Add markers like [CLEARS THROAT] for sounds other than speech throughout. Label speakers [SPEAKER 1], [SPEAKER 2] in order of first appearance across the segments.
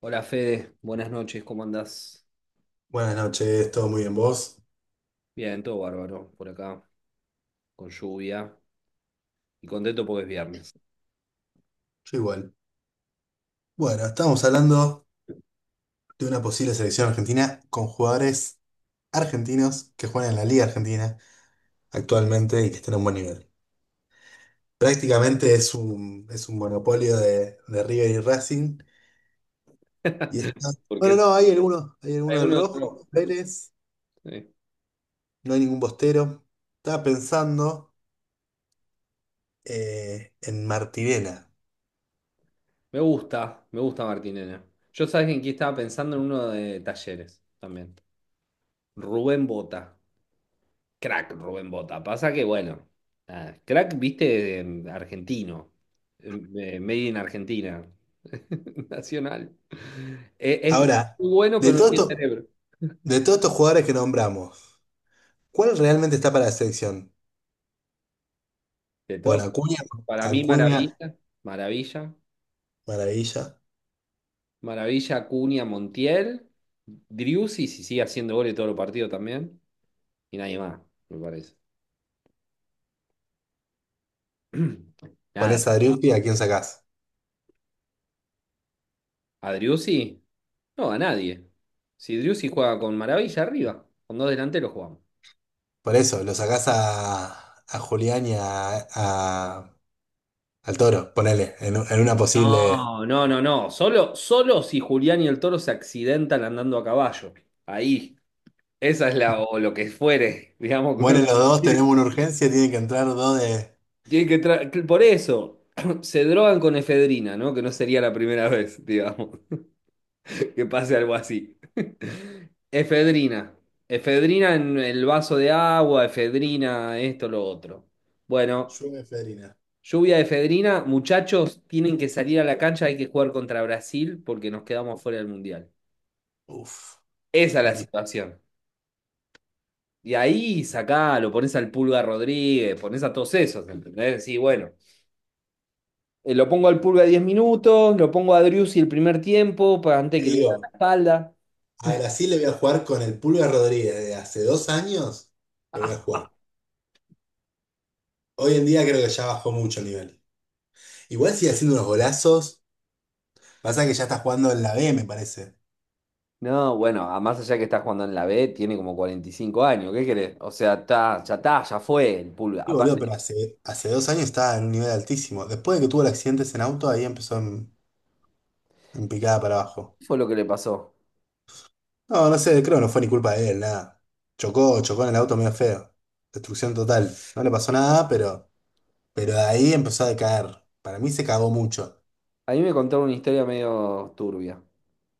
[SPEAKER 1] Hola Fede, buenas noches, ¿cómo andás?
[SPEAKER 2] Buenas noches, ¿todo muy bien vos?
[SPEAKER 1] Bien, todo bárbaro por acá, con lluvia y contento porque es viernes.
[SPEAKER 2] Yo igual. Bueno, estamos hablando de una posible selección argentina con jugadores argentinos que juegan en la Liga Argentina actualmente y que están a un buen nivel. Prácticamente es un monopolio de River y Racing. Y
[SPEAKER 1] [LAUGHS]
[SPEAKER 2] está...
[SPEAKER 1] Porque
[SPEAKER 2] Bueno,
[SPEAKER 1] es
[SPEAKER 2] no, hay
[SPEAKER 1] Hay
[SPEAKER 2] alguno del
[SPEAKER 1] uno de
[SPEAKER 2] Rojo,
[SPEAKER 1] los.
[SPEAKER 2] Vélez,
[SPEAKER 1] Sí.
[SPEAKER 2] no hay ningún Bostero. Estaba pensando en Martirena.
[SPEAKER 1] Me gusta Martín. Yo sabes en quién estaba pensando, en uno de Talleres también. Rubén Bota, crack Rubén Bota. Pasa que bueno, nada, crack, viste, argentino, made in Argentina, [LAUGHS] nacional. Este es
[SPEAKER 2] Ahora,
[SPEAKER 1] muy bueno,
[SPEAKER 2] de
[SPEAKER 1] pero no
[SPEAKER 2] todo
[SPEAKER 1] tiene
[SPEAKER 2] esto-
[SPEAKER 1] cerebro.
[SPEAKER 2] de todos estos jugadores que nombramos, ¿cuál realmente está para la selección?
[SPEAKER 1] De
[SPEAKER 2] Bueno,
[SPEAKER 1] todos,
[SPEAKER 2] Acuña,
[SPEAKER 1] para mí,
[SPEAKER 2] Acuña,
[SPEAKER 1] Maravilla. Maravilla.
[SPEAKER 2] maravilla.
[SPEAKER 1] Maravilla, Acuña, Montiel, Driussi, si sigue haciendo goles todos los partidos también, y nadie más, me parece. [CLEARS THROAT] Nada,
[SPEAKER 2] Ponés a Driussi, ¿a quién sacás?
[SPEAKER 1] a Driussi, no, a nadie. Si Driussi juega con Maravilla arriba, con dos delanteros jugamos.
[SPEAKER 2] Por eso, lo sacás a Julián y al Toro, ponele, en una posible.
[SPEAKER 1] No, no, no, no, solo, solo si Julián y el Toro se accidentan andando a caballo. Ahí, esa es la, o lo que fuere, digamos, que uno.
[SPEAKER 2] Bueno, los dos tenemos
[SPEAKER 1] [LAUGHS]
[SPEAKER 2] una urgencia, tienen que entrar dos de.
[SPEAKER 1] Tienen que tra- que Por eso [CLEARS THROAT] se drogan con efedrina, ¿no? Que no sería la primera vez, digamos, [LAUGHS] que pase algo así. [LAUGHS] Efedrina. Efedrina en el vaso de agua, efedrina, esto, lo otro. Bueno,
[SPEAKER 2] Lluvia y Federina.
[SPEAKER 1] lluvia de efedrina. Muchachos, tienen que salir a la cancha, hay que jugar contra Brasil porque nos quedamos fuera del Mundial.
[SPEAKER 2] Uf,
[SPEAKER 1] Esa es la
[SPEAKER 2] durísimo.
[SPEAKER 1] situación. Y ahí sacalo, pones al Pulga Rodríguez, pones a todos esos, ¿entendés? Sí, bueno. Lo pongo al Pulga 10 minutos, lo pongo a Driussi el primer tiempo, para antes
[SPEAKER 2] Te
[SPEAKER 1] que le haga la
[SPEAKER 2] digo,
[SPEAKER 1] espalda.
[SPEAKER 2] a Brasil le voy a jugar con el Pulga Rodríguez de hace 2 años, le voy a
[SPEAKER 1] [LAUGHS]
[SPEAKER 2] jugar. Hoy en día creo que ya bajó mucho el nivel. Igual sigue haciendo unos golazos, pasa que ya está jugando en la B, me parece.
[SPEAKER 1] No, bueno, más allá que está jugando en la B, tiene como 45 años, ¿qué querés? O sea, está, ya fue el Pulga.
[SPEAKER 2] Sí, boludo, pero
[SPEAKER 1] Aparte,
[SPEAKER 2] hace 2 años estaba en un nivel altísimo. Después de que tuvo el accidente en auto, ahí empezó en picada para abajo.
[SPEAKER 1] ¿qué fue lo que le pasó?
[SPEAKER 2] No, no sé, creo que no fue ni culpa de él, nada. Chocó, chocó en el auto medio feo. Destrucción total. No le pasó nada, pero, de ahí empezó a decaer. Para mí se cagó mucho.
[SPEAKER 1] A mí me contaron una historia medio turbia,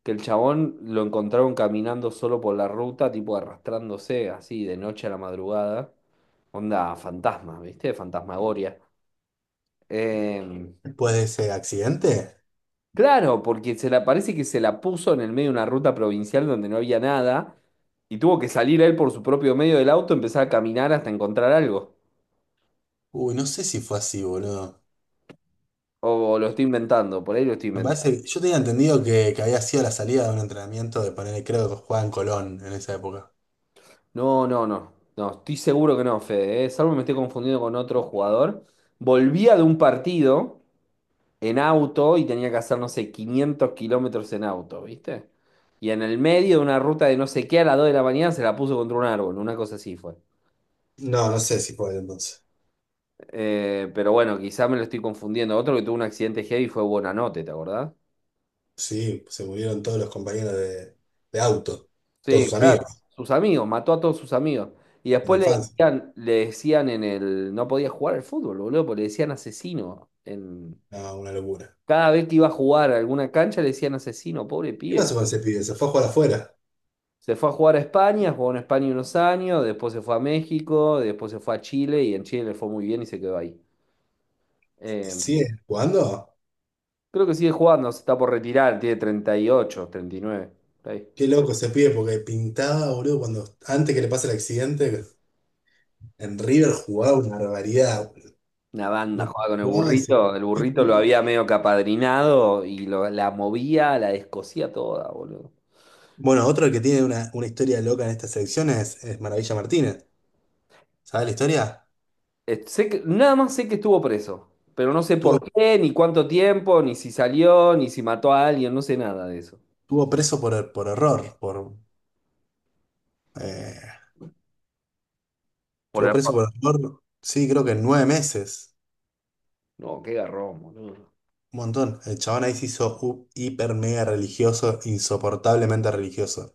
[SPEAKER 1] que el chabón lo encontraron caminando solo por la ruta, tipo arrastrándose así de noche a la madrugada. Onda fantasma, ¿viste? Fantasmagoria. Eh,
[SPEAKER 2] Después de ese accidente,
[SPEAKER 1] Claro, porque se la, parece que se la puso en el medio de una ruta provincial donde no había nada y tuvo que salir él por su propio medio del auto, empezar a caminar hasta encontrar algo.
[SPEAKER 2] uy, no sé si fue así, boludo.
[SPEAKER 1] O, lo estoy inventando, por ahí lo estoy
[SPEAKER 2] Me
[SPEAKER 1] inventando.
[SPEAKER 2] parece, yo tenía entendido que había sido la salida de un entrenamiento de poner, creo que jugaba en Colón en esa época.
[SPEAKER 1] No, no, no, no, estoy seguro que no, Fede, ¿eh? Salvo me estoy confundiendo con otro jugador. Volvía de un partido en auto y tenía que hacer, no sé, 500 kilómetros en auto, ¿viste? Y en el medio de una ruta de no sé qué a las 2 de la mañana se la puso contra un árbol, una cosa así fue.
[SPEAKER 2] No, no sé si fue entonces.
[SPEAKER 1] Pero bueno, quizá me lo estoy confundiendo. Otro que tuvo un accidente heavy fue Buonanotte, ¿te acordás?
[SPEAKER 2] Sí, se murieron todos los compañeros de auto, todos
[SPEAKER 1] Sí,
[SPEAKER 2] sus
[SPEAKER 1] claro.
[SPEAKER 2] amigos
[SPEAKER 1] Sus amigos, mató a todos sus amigos. Y
[SPEAKER 2] de la
[SPEAKER 1] después
[SPEAKER 2] infancia.
[SPEAKER 1] le decían en el… No podía jugar al fútbol, boludo, porque le decían asesino.
[SPEAKER 2] No, una locura.
[SPEAKER 1] Cada vez que iba a jugar a alguna cancha le decían asesino, pobre
[SPEAKER 2] ¿Qué
[SPEAKER 1] pibe.
[SPEAKER 2] pasó con ese pibe? Se fue a jugar afuera.
[SPEAKER 1] Se fue a jugar a España, jugó en España unos años, después se fue a México, después se fue a Chile y en Chile le fue muy bien y se quedó ahí.
[SPEAKER 2] ¿Y
[SPEAKER 1] Eh,
[SPEAKER 2] sigue jugando?
[SPEAKER 1] Creo que sigue jugando, se está por retirar, tiene treinta, treinta y ocho, treinta y nueve.
[SPEAKER 2] Qué loco ese pibe, porque pintaba, boludo, cuando antes que le pase el accidente, en River jugaba una barbaridad.
[SPEAKER 1] Una banda
[SPEAKER 2] Lo que
[SPEAKER 1] jugaba con
[SPEAKER 2] jugaba ese
[SPEAKER 1] el burrito lo
[SPEAKER 2] pibe.
[SPEAKER 1] había medio capadrinado y la movía, la descosía toda, boludo.
[SPEAKER 2] Bueno, otro que tiene una historia loca en esta selección es Maravilla Martínez. ¿Sabes la historia?
[SPEAKER 1] Nada más sé que estuvo preso, pero no sé por
[SPEAKER 2] Tuvo,
[SPEAKER 1] qué, ni cuánto tiempo, ni si salió, ni si mató a alguien, no sé nada de eso.
[SPEAKER 2] tuvo preso por error, eh,
[SPEAKER 1] Por
[SPEAKER 2] estuvo preso
[SPEAKER 1] error.
[SPEAKER 2] por error, sí, creo que 9 meses.
[SPEAKER 1] No, qué garrón, boludo.
[SPEAKER 2] Un montón. El chabón ahí se hizo hiper mega religioso, insoportablemente religioso.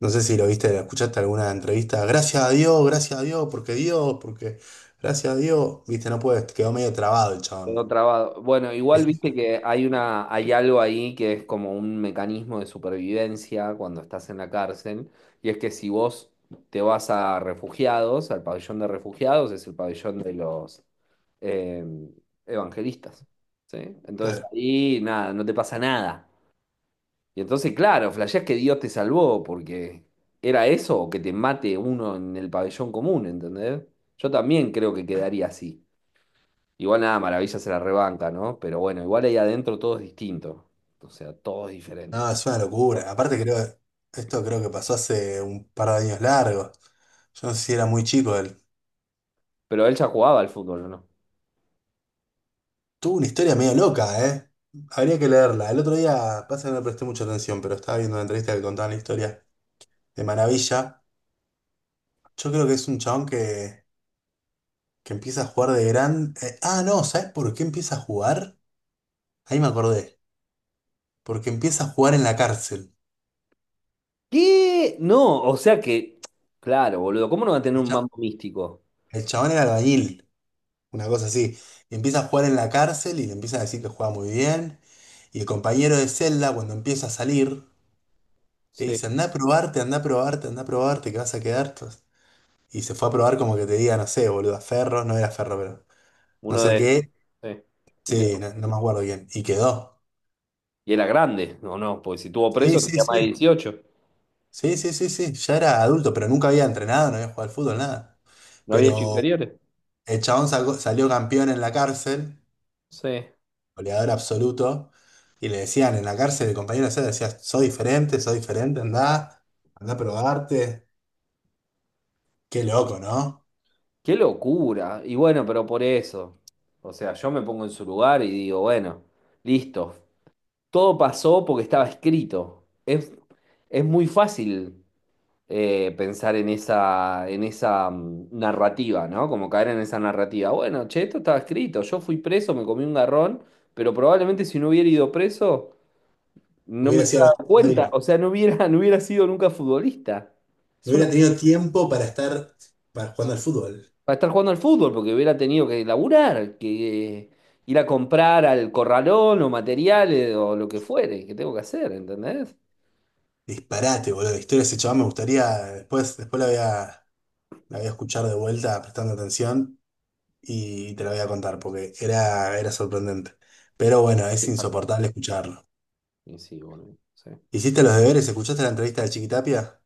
[SPEAKER 2] No sé si lo viste, lo escuchaste alguna entrevista. Gracias a Dios, porque gracias a Dios. Viste, no puedes, quedó medio trabado el chabón.
[SPEAKER 1] Quedó trabado. Bueno, igual
[SPEAKER 2] Es-
[SPEAKER 1] viste que hay algo ahí que es como un mecanismo de supervivencia cuando estás en la cárcel, y es que si vos te vas a refugiados, al pabellón de refugiados, es el pabellón de los eh, evangelistas, ¿sí? Entonces
[SPEAKER 2] Claro.
[SPEAKER 1] ahí nada, no te pasa nada. Y entonces, claro, flasheás que Dios te salvó, porque era eso o que te mate uno en el pabellón común, ¿entendés? Yo también creo que quedaría así. Igual nada, Maravilla se la rebanca, ¿no? Pero bueno, igual ahí adentro todo es distinto. O sea, todo es diferente.
[SPEAKER 2] No, es una locura. Aparte creo, esto creo que pasó hace un par de años largos. Yo no sé si era muy chico él.
[SPEAKER 1] Pero él ya jugaba al fútbol, ¿o no?
[SPEAKER 2] Tuvo una historia medio loca, ¿eh? Habría que leerla. El otro día, pasa que no le presté mucha atención, pero estaba viendo una entrevista que contaba la historia de Maravilla. Yo creo que es un chabón que empieza a jugar de gran... no, ¿sabes por qué empieza a jugar? Ahí me acordé. Porque empieza a jugar en la cárcel.
[SPEAKER 1] ¿Qué? No, o sea que, claro, boludo, ¿cómo no va a tener
[SPEAKER 2] El,
[SPEAKER 1] un
[SPEAKER 2] cha-
[SPEAKER 1] mambo místico?
[SPEAKER 2] el chabón era albañil, una cosa así. Y empieza a jugar en la cárcel y le empiezan a decir que juega muy bien. Y el compañero de celda, cuando empieza a salir, le dice,
[SPEAKER 1] Sí,
[SPEAKER 2] anda a probarte, anda a probarte, anda a probarte, que vas a quedar. Entonces, y se fue a probar como que te diga, no sé, boludo, a Ferro, no era Ferro, pero no
[SPEAKER 1] uno
[SPEAKER 2] sé
[SPEAKER 1] de estos,
[SPEAKER 2] qué.
[SPEAKER 1] sí. ¿Y qué?
[SPEAKER 2] Sí, no, no me acuerdo bien. Y quedó.
[SPEAKER 1] Y era grande, no, no, porque si estuvo
[SPEAKER 2] Sí,
[SPEAKER 1] preso
[SPEAKER 2] sí,
[SPEAKER 1] tenía más de
[SPEAKER 2] sí.
[SPEAKER 1] 18.
[SPEAKER 2] Sí, sí, sí, sí, ya era adulto, pero nunca había entrenado, no había jugado al fútbol, nada.
[SPEAKER 1] No había hecho
[SPEAKER 2] Pero
[SPEAKER 1] inferiores.
[SPEAKER 2] el chabón salió campeón en la cárcel,
[SPEAKER 1] Sí.
[SPEAKER 2] goleador absoluto, y le decían en la cárcel, el compañero de celda decía, soy diferente, andá, andá a probarte. Qué loco, ¿no?
[SPEAKER 1] Qué locura. Y bueno, pero por eso. O sea, yo me pongo en su lugar y digo, bueno, listo. Todo pasó porque estaba escrito. Es muy fácil pensar en esa, en esa narrativa, ¿no? Como caer en esa narrativa. Bueno, che, esto estaba escrito. Yo fui preso, me comí un garrón, pero probablemente si no hubiera ido preso, no me
[SPEAKER 2] Hubiera
[SPEAKER 1] hubiera
[SPEAKER 2] sido
[SPEAKER 1] dado cuenta.
[SPEAKER 2] David.
[SPEAKER 1] O sea, no hubiera, [LAUGHS] no hubiera sido nunca futbolista.
[SPEAKER 2] No [LAUGHS]
[SPEAKER 1] Es una,
[SPEAKER 2] hubiera tenido tiempo para estar jugando al fútbol.
[SPEAKER 1] para estar jugando al fútbol, porque hubiera tenido que laburar, que ir a comprar al corralón o materiales o lo que fuere, que tengo que hacer, ¿entendés?
[SPEAKER 2] Disparate, boludo. La historia de ese chabón me gustaría, después la voy la voy a escuchar de vuelta prestando atención. Y te lo voy a contar porque era sorprendente. Pero bueno, es insoportable escucharlo.
[SPEAKER 1] Y sí, boludo, sí.
[SPEAKER 2] ¿Hiciste los deberes? ¿Escuchaste la entrevista de Chiquitapia?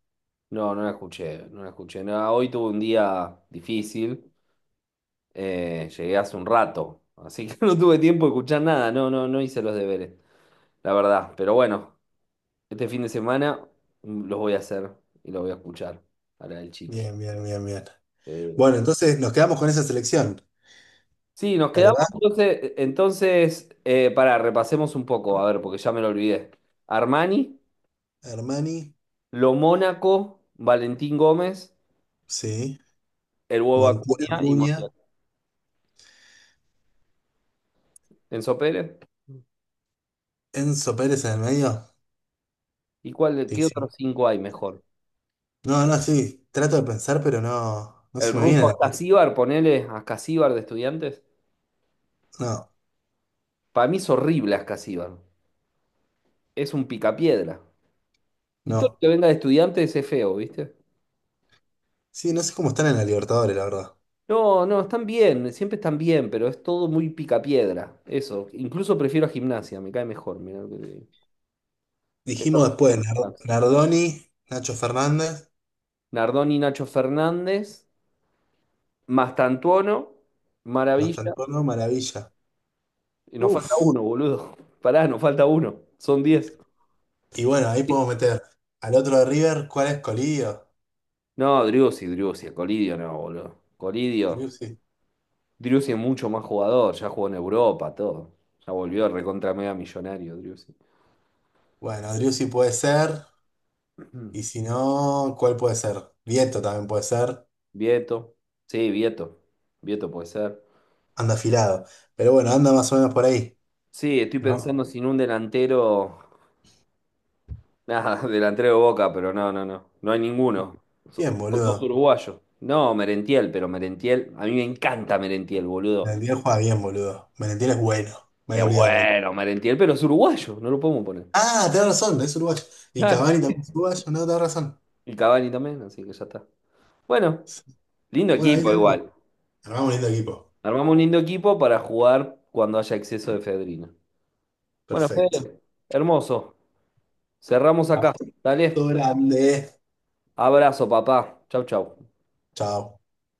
[SPEAKER 1] No, no la escuché, no la escuché. No, hoy tuve un día difícil. Llegué hace un rato, así que [LAUGHS] no tuve tiempo de escuchar nada. No, no, no hice los deberes, la verdad. Pero bueno, este fin de semana, los voy a hacer y los voy a escuchar para el chiqui.
[SPEAKER 2] Bien, bien, bien, bien.
[SPEAKER 1] Sí.
[SPEAKER 2] Bueno, entonces nos quedamos con esa selección,
[SPEAKER 1] Sí, nos quedamos
[SPEAKER 2] ¿verdad?
[SPEAKER 1] entonces, pará, repasemos un poco, a ver, porque ya me lo olvidé. Armani,
[SPEAKER 2] Hermani,
[SPEAKER 1] Lo Mónaco, Valentín Gómez,
[SPEAKER 2] sí.
[SPEAKER 1] el Huevo
[SPEAKER 2] Montiel
[SPEAKER 1] Acuña y
[SPEAKER 2] Acuña,
[SPEAKER 1] Montiel. Enzo Pérez.
[SPEAKER 2] Enzo Pérez en el medio.
[SPEAKER 1] ¿Y cuál,
[SPEAKER 2] Sí,
[SPEAKER 1] qué
[SPEAKER 2] sí.
[SPEAKER 1] otros cinco hay mejor?
[SPEAKER 2] No, no, sí. Trato de pensar, pero no
[SPEAKER 1] El
[SPEAKER 2] se me viene a
[SPEAKER 1] ruso
[SPEAKER 2] la...
[SPEAKER 1] Ascasíbar, ponele Ascasíbar de Estudiantes.
[SPEAKER 2] No,
[SPEAKER 1] Para mí es horrible Ascasíbar. Es un picapiedra. Y todo lo
[SPEAKER 2] no.
[SPEAKER 1] que venga de Estudiantes es feo, ¿viste?
[SPEAKER 2] Sí, no sé cómo están en la Libertadores, la verdad.
[SPEAKER 1] No, no, están bien, siempre están bien, pero es todo muy picapiedra. Eso. Incluso prefiero a Gimnasia, me cae mejor, mirá lo que te digo.
[SPEAKER 2] Dijimos después,
[SPEAKER 1] Gimnasia.
[SPEAKER 2] Nardoni, Nacho Fernández,
[SPEAKER 1] Nardoni, Nacho Fernández, Mastantuono, Maravilla.
[SPEAKER 2] Mastantuono, Maravilla.
[SPEAKER 1] Y nos falta
[SPEAKER 2] Uf.
[SPEAKER 1] uno, boludo. [LAUGHS] Pará, nos falta uno. Son 10.
[SPEAKER 2] Y bueno, ahí podemos meter al otro de River, ¿cuál es Colillo?
[SPEAKER 1] No, Driussi, Driussi, a Colidio no, boludo. Colidio,
[SPEAKER 2] Driussi.
[SPEAKER 1] Driussi es mucho más jugador, ya jugó en Europa, todo. Ya volvió recontra mega millonario, Driussi.
[SPEAKER 2] Bueno, Driussi puede ser,
[SPEAKER 1] Mm.
[SPEAKER 2] y
[SPEAKER 1] [CLEARS THROAT]
[SPEAKER 2] si no, ¿cuál puede ser? Vieto también puede ser,
[SPEAKER 1] Vieto, sí, Vieto. Vieto puede ser.
[SPEAKER 2] anda afilado. Pero bueno, anda más o menos por ahí,
[SPEAKER 1] Sí, estoy
[SPEAKER 2] ¿no?
[SPEAKER 1] pensando sin un delantero. Nada, [LAUGHS] delantero de Boca, pero no, no, no. No hay ninguno. Son
[SPEAKER 2] Bien,
[SPEAKER 1] son todos
[SPEAKER 2] boludo.
[SPEAKER 1] uruguayos. No, Merentiel, pero Merentiel. A mí me encanta Merentiel, boludo.
[SPEAKER 2] Valentín juega bien, boludo. Valentín es bueno. Me
[SPEAKER 1] Es
[SPEAKER 2] había olvidado de Valentín.
[SPEAKER 1] bueno, Merentiel, pero es uruguayo, no lo podemos poner.
[SPEAKER 2] Ah, tenés razón, es uruguayo. Y
[SPEAKER 1] Claro.
[SPEAKER 2] Cavani también es uruguayo, no, tenés razón.
[SPEAKER 1] Y Cavani también, así que ya está. Bueno. Lindo
[SPEAKER 2] Bueno, ahí
[SPEAKER 1] equipo
[SPEAKER 2] tenemos.
[SPEAKER 1] igual.
[SPEAKER 2] Armamos un lindo equipo.
[SPEAKER 1] Armamos un lindo equipo para jugar cuando haya exceso de efedrina. Bueno,
[SPEAKER 2] Perfecto.
[SPEAKER 1] Fede, hermoso. Cerramos acá.
[SPEAKER 2] Abrazo
[SPEAKER 1] Dale.
[SPEAKER 2] grande.
[SPEAKER 1] Abrazo, papá. Chau, chau.
[SPEAKER 2] Chao.